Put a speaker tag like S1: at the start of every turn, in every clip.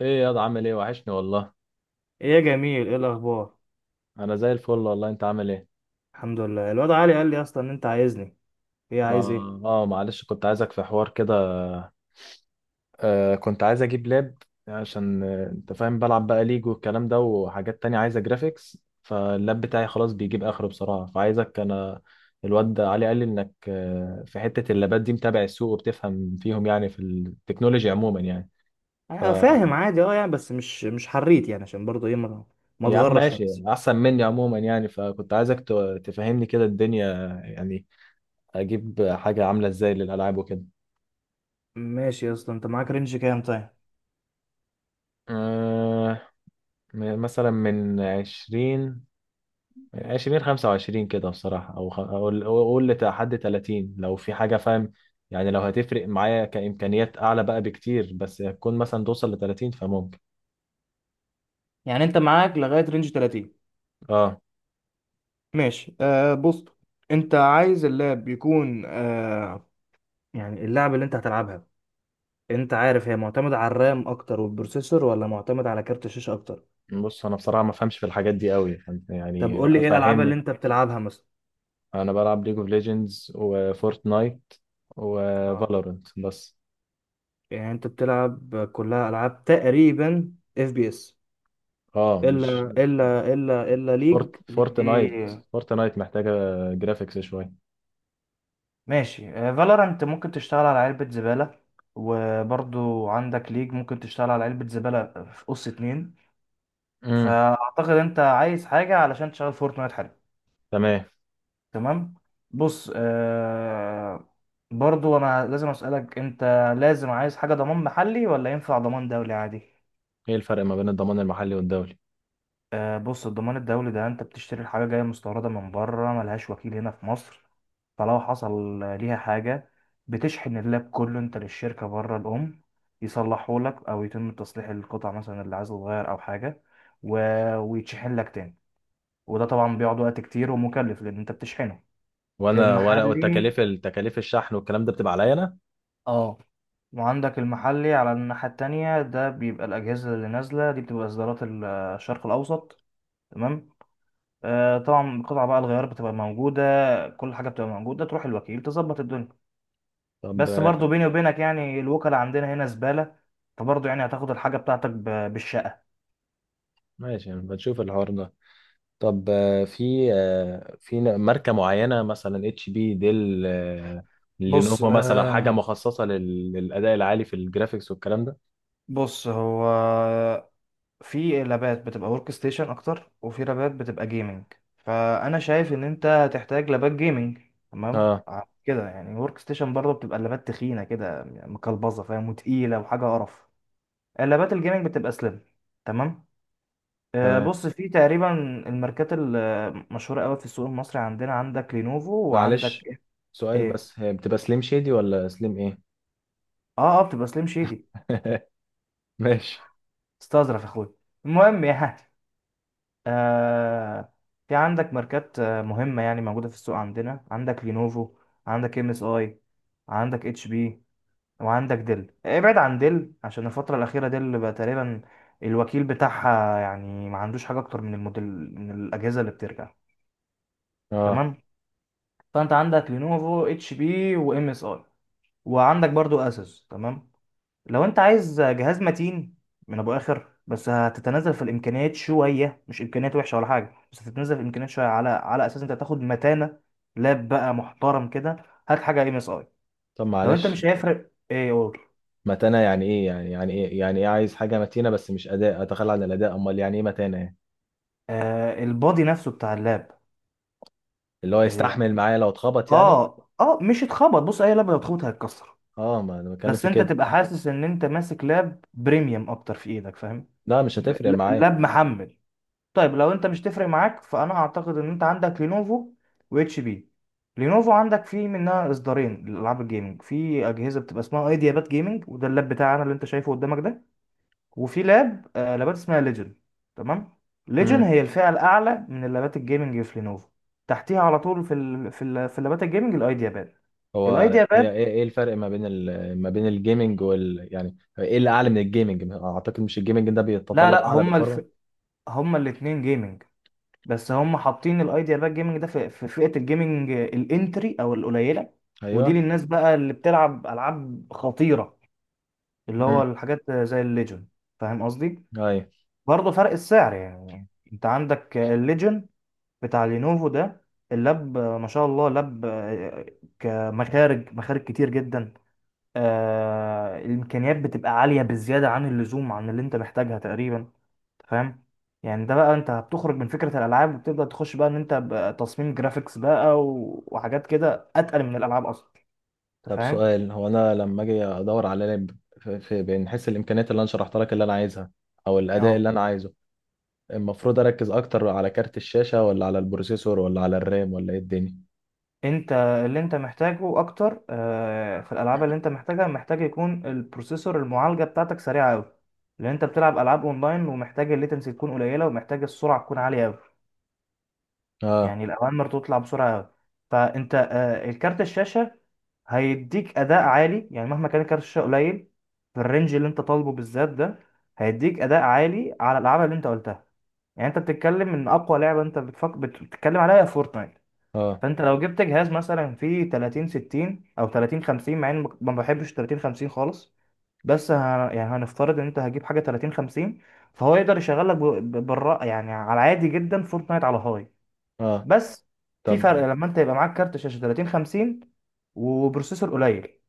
S1: ايه يا ده، عامل ايه؟ وحشني والله.
S2: ايه يا جميل، ايه الاخبار؟
S1: انا زي الفل والله، انت عامل ايه؟
S2: الحمد لله. الواد علي قال لي اصلا ان انت عايزني. ايه؟
S1: ما
S2: عايز ايه؟
S1: اه معلش، كنت عايزك في حوار كده. كنت عايز اجيب لاب. عشان انت فاهم، بلعب بقى ليج والكلام ده وحاجات تانية عايزة جرافيكس، فاللاب بتاعي خلاص بيجيب اخره بصراحة، فعايزك انا. الواد ده علي قال لي انك في حتة اللابات دي متابع السوق وبتفهم فيهم، يعني في التكنولوجيا عموما يعني. ف
S2: انا فاهم عادي، يعني بس مش حريت، يعني عشان برضه ايه، ما
S1: يا عم
S2: اتغرش في
S1: ماشي،
S2: نفسي.
S1: احسن مني عموما يعني، فكنت عايزك تفهمني كده الدنيا. يعني اجيب حاجة عاملة ازاي للالعاب وكده.
S2: ماشي يا اسطى، انت معاك رينج كام؟ طيب،
S1: آه مثلا من عشرين، عشرين خمسة وعشرين كده بصراحة، أو أقول أقول لحد تلاتين لو في حاجة فاهم. يعني لو هتفرق معايا كإمكانيات أعلى بقى بكتير بس هتكون مثلا توصل لتلاتين، فممكن.
S2: يعني انت معاك لغايه رينج 30؟
S1: أه.
S2: ماشي. آه، بص، انت عايز اللاب يكون، يعني اللعبه اللي انت هتلعبها، انت عارف هي معتمده على الرام اكتر والبروسيسور، ولا معتمد على كارت الشاشه اكتر؟
S1: بص، أنا بصراحة ما فهمش في الحاجات دي أوي، فأنت
S2: طب
S1: يعني
S2: قول لي ايه الالعاب اللي
S1: فهمني.
S2: انت بتلعبها مثلا.
S1: أنا بلعب ليج اوف ليجندز وفورتنايت
S2: آه.
S1: وفالورنت بس.
S2: يعني انت بتلعب كلها العاب تقريبا اف بي اس،
S1: أه، مش،
S2: الا
S1: فورت
S2: ليج دي.
S1: فورتنايت فورتنايت محتاجة جرافيكس شوية.
S2: ماشي، فالورانت ممكن تشتغل على علبة زبالة، وبرضو عندك ليج ممكن تشتغل على علبة زبالة في قص اتنين.
S1: امم.
S2: فأعتقد أنت عايز حاجة علشان تشتغل فورتنايت حلو.
S1: تمام.
S2: تمام. بص، برضو أنا لازم أسألك. أنت لازم عايز حاجة ضمان محلي، ولا ينفع ضمان دولي عادي؟
S1: ايه الفرق ما بين الضمان المحلي والدولي؟
S2: بص، الضمان الدولي ده انت بتشتري الحاجة جاية مستوردة من بره، ملهاش وكيل هنا في مصر. فلو حصل ليها حاجة، بتشحن اللاب كله انت للشركة بره الأم، يصلحهولك أو يتم تصليح القطع مثلا اللي عايز تتغير أو حاجة، و... ويتشحن لك تاني. وده طبعا بيقعد وقت كتير ومكلف، لأن انت بتشحنه.
S1: وانا ولا
S2: المحلي،
S1: التكاليف الشحن والكلام ده بتبقى عليا انا؟
S2: اه. وعندك المحلي على الناحية التانية، ده بيبقى الأجهزة اللي نازلة دي بتبقى إصدارات الشرق الأوسط. تمام. طبعا القطعة بقى، الغيار بتبقى موجودة، كل حاجة بتبقى موجودة، تروح الوكيل تظبط الدنيا.
S1: طب
S2: بس برضو بيني وبينك يعني الوكلاء عندنا هنا زبالة، فبرضو يعني هتاخد الحاجة بتاعتك بالشقة.
S1: ماشي، يعني بنشوف الحوار ده. طب ماركه معينه مثلا اتش بي، ديل،
S2: بص
S1: لينوفو مثلا حاجه
S2: آه
S1: مخصصه للاداء العالي في الجرافيكس والكلام ده؟
S2: بص هو، في لابات بتبقى ورك ستيشن أكتر، وفي لابات بتبقى جيمنج. فأنا شايف إن أنت هتحتاج لابات جيمنج. تمام،
S1: اه.
S2: كده يعني ورك ستيشن برضه بتبقى اللابات تخينة كده مكلبظة، فاهم، وتقيلة وحاجة قرف. اللابات الجيمنج بتبقى سليم. تمام.
S1: تمام.
S2: بص، في تقريبا الماركات المشهوره قوي في السوق المصري عندنا، عندك لينوفو، وعندك
S1: معلش،
S2: ايه...
S1: سؤال
S2: إيه؟
S1: بس، هي بتبقى سليم شادي ولا سليم ايه؟
S2: اه، اه، بتبقى سليم شيدي.
S1: ماشي.
S2: استظرف يا اخويا. المهم يعني، آه في عندك ماركات مهمه يعني موجوده في السوق عندنا، عندك لينوفو، عندك ام اس اي، عندك اتش بي، وعندك ديل. ابعد عن ديل عشان الفتره الاخيره ديل بقى تقريبا الوكيل بتاعها يعني ما عندوش حاجه اكتر من الموديل، من الاجهزه اللي بترجع.
S1: اه.
S2: تمام. فانت عندك لينوفو، اتش بي، وام اس اي، وعندك برضو اسوس. تمام. لو انت عايز جهاز متين من ابو اخر، بس هتتنازل في الامكانيات شويه، مش امكانيات وحشه ولا حاجه، بس هتتنازل في الامكانيات شويه، على اساس انت تاخد متانه، لاب بقى محترم كده، هات حاجه ام اس اي.
S1: طب
S2: لو انت
S1: معلش،
S2: مش هيفرق ايه قول.
S1: متانه يعني ايه؟ يعني يعني ايه، يعني ايه عايز حاجه متينه بس مش اداء، اتخلى عن الاداء؟ امال يعني ايه متانه يعني؟
S2: البادي نفسه بتاع اللاب،
S1: اللي هو يستحمل
S2: يعني
S1: معايا لو اتخبط يعني؟
S2: اه مش اتخبط، بص اي لاب لو اتخبط هيتكسر.
S1: اه، ما انا بتكلم
S2: بس
S1: في
S2: انت
S1: كده.
S2: تبقى حاسس ان انت ماسك لاب بريميوم اكتر في ايدك، فاهم؟
S1: لا مش هتفرق معايا.
S2: لاب محمل. طيب لو انت مش تفرق معاك، فانا اعتقد ان انت عندك لينوفو واتش بي. لينوفو عندك فيه منها اصدارين لالعاب الجيمنج. في اجهزه بتبقى اسمها ايدياباد جيمنج، وده اللاب بتاعنا اللي انت شايفه قدامك ده. وفي لابات اسمها ليجن. تمام. ليجن
S1: امم.
S2: هي الفئه الاعلى من اللابات الجيمنج في لينوفو. تحتيها على طول في اللابات الجيمنج الايدياباد
S1: هو هي
S2: الايدياباد
S1: ايه؟ الفرق ما بين ما بين الجيمنج يعني ايه اللي اعلى من الجيمنج؟ اعتقد مش الجيمنج ده
S2: لا،
S1: بيتطلب
S2: لا،
S1: اعلى بالفورمه.
S2: هما الاثنين جيمنج. بس هم حاطين الايديا بقى، الجيمنج ده في فئة الجيمنج الانتري او القليلة. ودي
S1: ايوه.
S2: للناس بقى اللي بتلعب العاب خطيرة، اللي هو
S1: امم.
S2: الحاجات زي الليجن. فاهم قصدي؟
S1: ايوه.
S2: برضه فرق السعر يعني. انت عندك الليجن بتاع لينوفو ده، اللاب ما شاء الله لاب، كمخارج كتير جدا. الامكانيات بتبقى عالية بالزيادة عن اللزوم عن اللي انت محتاجها تقريبا، فاهم؟ يعني ده بقى انت بتخرج من فكرة الالعاب، وبتبدأ تخش بقى ان انت بقى تصميم جرافيكس بقى، وحاجات كده اتقل من الالعاب اصلا. انت
S1: طب
S2: فاهم؟
S1: سؤال، هو انا لما اجي ادور على لعب، بنحس الامكانيات اللي انا شرحتها لك اللي انا عايزها، او الاداء
S2: اه
S1: اللي انا عايزه، المفروض اركز اكتر على كارت الشاشه ولا على البروسيسور ولا على الرام ولا ايه الدنيا؟
S2: انت اللي انت محتاجه اكتر في الالعاب اللي انت محتاجها، محتاج يكون البروسيسور، المعالجة بتاعتك سريعة قوي، لان انت بتلعب العاب اونلاين ومحتاج الليتنسي تكون قليلة، ومحتاج السرعة تكون عالية قوي.
S1: اه.
S2: يعني الاوامر تطلع بسرعة قوي. فانت الكارت الشاشة هيديك اداء عالي، يعني مهما كان كارت الشاشه قليل في الرينج اللي انت طالبه بالذات ده، هيديك اداء عالي على الالعاب اللي انت قلتها. يعني انت بتتكلم ان اقوى لعبه انت بتتكلم عليها هي فورتنايت.
S1: اه.
S2: فانت لو جبت جهاز مثلا فيه 30 60 او 30 50، مع اني ما بحبش 30 50 خالص، بس ه... يعني هنفترض ان انت هجيب حاجه 30 50، فهو يقدر يشغل لك بالرا يعني على عادي جدا فورتنايت على هاي.
S1: اه.
S2: بس في
S1: طب.
S2: فرق لما انت يبقى معاك كارت شاشه 30 50 وبروسيسور قليل،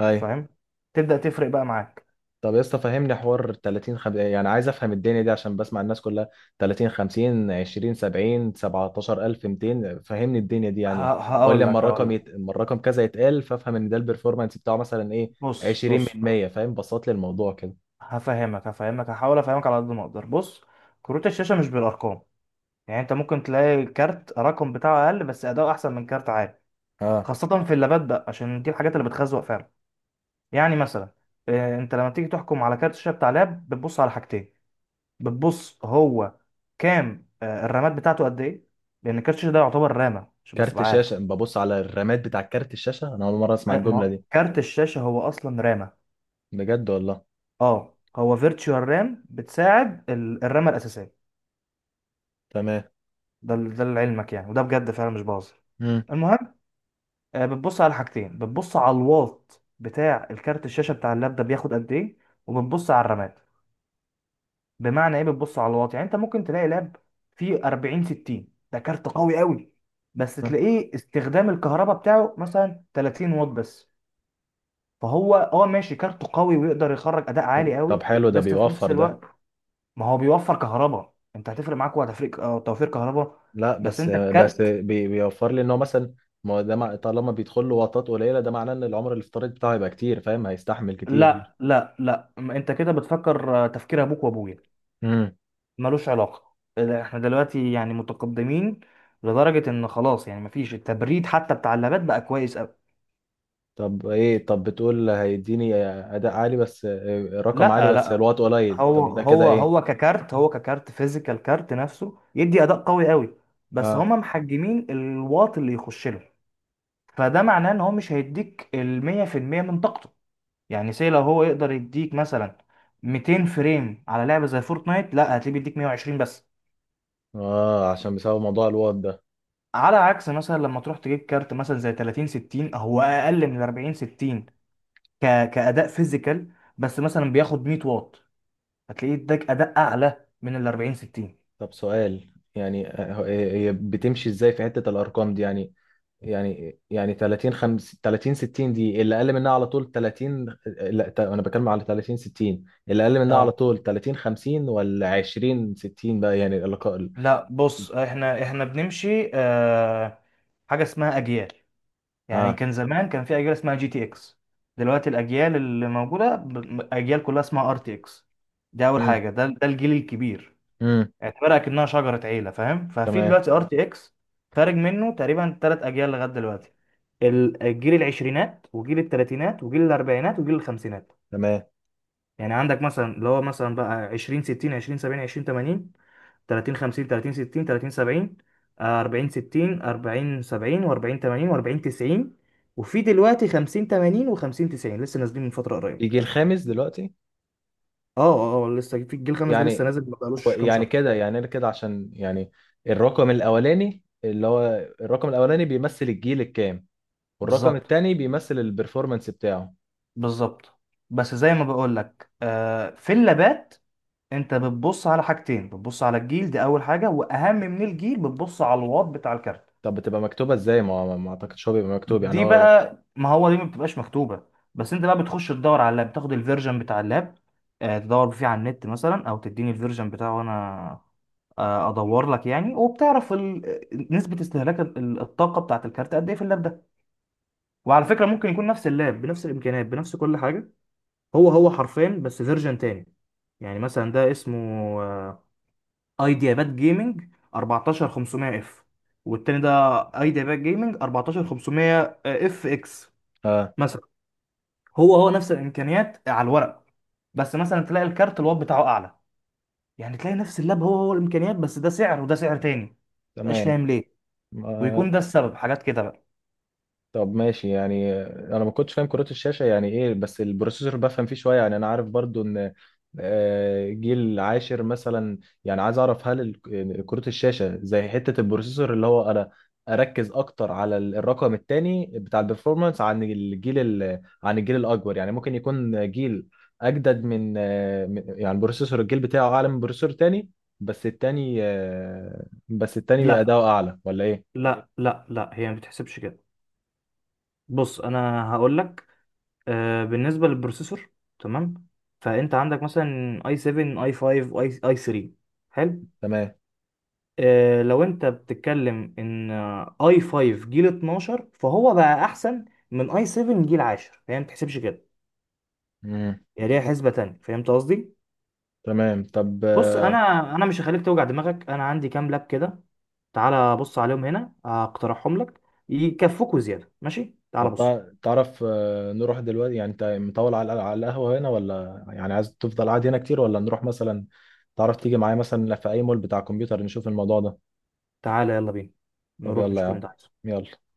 S1: ايوه.
S2: فاهم، تبدأ تفرق بقى معاك.
S1: طب يا اسطى فهمني حوار، 30 يعني عايز افهم الدنيا دي عشان بسمع الناس كلها، 30 50 20 70 17200، فهمني الدنيا دي يعني.
S2: ه-
S1: ولا
S2: هقول
S1: لما
S2: لك هقول
S1: الرقم
S2: لك
S1: لما الرقم كذا يتقال فافهم ان ده البرفورمانس بتاعه مثلا ايه،
S2: بص
S1: 20
S2: بص
S1: من 100، فاهم، بسط لي الموضوع كده.
S2: هفهمك، هحاول افهمك على قد ما اقدر. بص، كروت الشاشة مش بالارقام. يعني انت ممكن تلاقي كارت رقم بتاعه اقل بس اداؤه احسن من كارت عادي،
S1: اه.
S2: خاصة في اللابات بقى، عشان دي الحاجات اللي بتخزوق فعلا. يعني مثلا، انت لما تيجي تحكم على كارت الشاشة بتاع لاب بتبص على حاجتين. بتبص هو كام، الرامات بتاعته قد ايه، لان كارت الشاشة ده يعتبر رامة، عشان بس
S1: كارت
S2: تبقى عارف.
S1: شاشه ببص على الرامات بتاع كارت الشاشه؟ انا اول مره اسمع
S2: ما
S1: الجمله
S2: هو
S1: دي.
S2: كارت الشاشة هو اصلا رامة،
S1: بجد والله؟
S2: اه هو فيرتشوال رام بتساعد الرامه الاساسيه.
S1: تمام.
S2: ده لعلمك يعني، وده بجد فعلا، مش بهزر.
S1: امم.
S2: المهم، بتبص على حاجتين. بتبص على الواط بتاع الكارت الشاشه بتاع اللاب ده بياخد قد ايه، وبتبص على الرامات. بمعنى ايه بتبص على الواط؟ يعني انت ممكن تلاقي لاب فيه 40 60، ده كارت قوي قوي، بس تلاقيه استخدام الكهرباء بتاعه مثلا 30 واط بس. فهو ماشي، كارته قوي ويقدر يخرج اداء عالي
S1: طب
S2: قوي،
S1: حلو، ده
S2: بس في نفس
S1: بيوفر ده.
S2: الوقت ما هو بيوفر كهرباء، انت هتفرق معاك، وهتفرق توفير كهرباء.
S1: لا
S2: بس
S1: بس
S2: انت
S1: بس
S2: الكارت...
S1: بيوفر لي ان هو مثلا، ما هو ده طالما بيدخل له وطات قليله ده معناه ان العمر الافتراضي بتاعه هيبقى كتير، فاهم، هيستحمل كتير.
S2: لا، لا، لا، ما انت كده بتفكر تفكير ابوك وابويا،
S1: امم.
S2: ملوش علاقه. لا، احنا دلوقتي يعني متقدمين لدرجه ان خلاص، يعني مفيش، التبريد حتى بتاع اللابات بقى كويس قوي.
S1: طب ايه، طب بتقول هيديني اداء عالي بس رقم عالي
S2: لا،
S1: بس
S2: لا،
S1: الوات قليل،
S2: هو
S1: طب ده كده
S2: هو هو
S1: ايه؟
S2: ككارت، هو ككارت فيزيكال، كارت نفسه يدي اداء قوي قوي، بس
S1: اه.
S2: هما محجمين الواط اللي يخش له. فده معناه ان هو مش هيديك ال 100% من طاقته. يعني سي، لو هو يقدر يديك مثلا 200 فريم على لعبه زي فورتنايت، لا، هتلاقيه بيديك 120 بس.
S1: اه، عشان بسبب موضوع الوات ده.
S2: على عكس مثلا لما تروح تجيب كارت مثلا زي 30 60، هو اقل من 40 60 كاداء فيزيكال، بس مثلا بياخد 100 واط، هتلاقيه اداك اداء اعلى من ال 40 60.
S1: طب سؤال، يعني هي بتمشي ازاي في حته الارقام دي يعني 30 50 30 60 دي اللي اقل منها على طول 30، لا انا بتكلم على 30 60 اللي اقل منها على
S2: اه،
S1: طول 30 50 ولا 20 60 بقى يعني اللقاء.
S2: لا، بص، احنا بنمشي حاجه اسمها اجيال. يعني
S1: اه.
S2: كان زمان كان في اجيال اسمها جي تي اكس. دلوقتي الاجيال اللي موجوده اجيال كلها اسمها ار تي اكس. دي اول
S1: امم.
S2: حاجه، ده الجيل الكبير.
S1: امم.
S2: اعتبرها كأنها شجره عيله، فاهم. ففي
S1: تمام.
S2: دلوقتي ار تي اكس خارج منه تقريبا ثلاث اجيال لغايه دلوقتي، الجيل العشرينات، وجيل الثلاثينات، وجيل الاربعينات، وجيل الخمسينات.
S1: تمام.
S2: يعني عندك مثلا اللي هو مثلا بقى 20 60، 20 70، 20 80، 30 50، 30 60، 30 70، 40 60، 40 70، و40 80، و40 90، وفي دلوقتي 50 80 و50 90 لسه نازلين من فترة قريبة.
S1: يجي الخامس دلوقتي
S2: اه، اه، لسه في الجيل الخامس ده لسه
S1: يعني.
S2: نازل، ما بقالوش كام
S1: يعني
S2: شهر.
S1: كده يعني انا كده عشان يعني الرقم الاولاني اللي هو الرقم الاولاني بيمثل الجيل الكام، والرقم
S2: بالظبط.
S1: التاني بيمثل البرفورمانس بتاعه.
S2: بالظبط. بس زي ما بقول لك، في اللابات انت بتبص على حاجتين. بتبص على الجيل، دي اول حاجه، واهم من الجيل بتبص على الواط بتاع الكارت.
S1: طب بتبقى مكتوبة ازاي؟ ما اعتقدش هو بيبقى مكتوب يعني
S2: دي
S1: هو.
S2: بقى، ما هو دي ما بتبقاش مكتوبه. بس انت بقى بتخش تدور على اللاب، تاخد الفيرجن بتاع اللاب، تدور فيه على النت مثلا، او تديني الفيرجن بتاعه وانا ادور لك يعني، وبتعرف نسبه استهلاك الطاقه بتاعه الكارت قد ايه في اللاب ده. وعلى فكره ممكن يكون نفس اللاب بنفس الامكانيات بنفس كل حاجه، هو هو، حرفين بس فيرجن تاني. يعني مثلا ده اسمه آه، ايديا باد جيمنج 14500 اف، والتاني ده ايديا باد جيمنج 14500 اف اكس
S1: اه.
S2: مثلا. هو هو نفس الامكانيات على الورق، بس مثلا تلاقي الكارت الوات بتاعه اعلى. يعني تلاقي نفس اللاب، هو هو الامكانيات، بس ده سعر وده سعر تاني. مبقاش
S1: تمام.
S2: فاهم ليه.
S1: ما
S2: ويكون ده السبب، حاجات كده بقى.
S1: طب ماشي، يعني انا ما كنتش فاهم كروت الشاشه يعني ايه، بس البروسيسور بفهم فيه شويه يعني، انا عارف برضو ان جيل عاشر مثلا. يعني عايز اعرف، هل كروت الشاشه زي حته البروسيسور، اللي هو انا اركز اكتر على الرقم الثاني بتاع البرفورمانس عن الجيل عن الجيل الاكبر؟ يعني ممكن يكون جيل اجدد من يعني بروسيسور الجيل بتاعه اعلى من بروسيسور تاني، بس التاني بس التاني
S2: لا،
S1: اداؤه اعلى، ولا ايه؟
S2: لا، لا، لا، هي ما بتحسبش كده. بص انا هقول لك. بالنسبه للبروسيسور. تمام. فانت عندك مثلا اي 7، اي 5، اي 3. حلو. لو انت بتتكلم ان اي 5 جيل 12، فهو بقى احسن من اي 7 جيل 10. هي ما بتحسبش كده.
S1: تمام.
S2: هي ليها حسبة تانية، فهمت قصدي؟
S1: تمام. طب.
S2: بص، انا مش هخليك توجع دماغك. انا عندي كام لاب كده، تعالى بص عليهم هنا اقترحهم لك، يكفوك وزيادة. ماشي، تعالى
S1: طب
S2: بص.
S1: تعرف، نروح دلوقتي؟ يعني انت مطول على القهوة هنا ولا يعني عايز تفضل قاعد هنا كتير، ولا نروح مثلا، تعرف تيجي معايا مثلا في اي مول بتاع كمبيوتر نشوف الموضوع ده.
S2: تعالى يلا بينا،
S1: طب
S2: نروح
S1: يلا يا
S2: نشوف اللي انت
S1: عم،
S2: عايزه.
S1: يلا.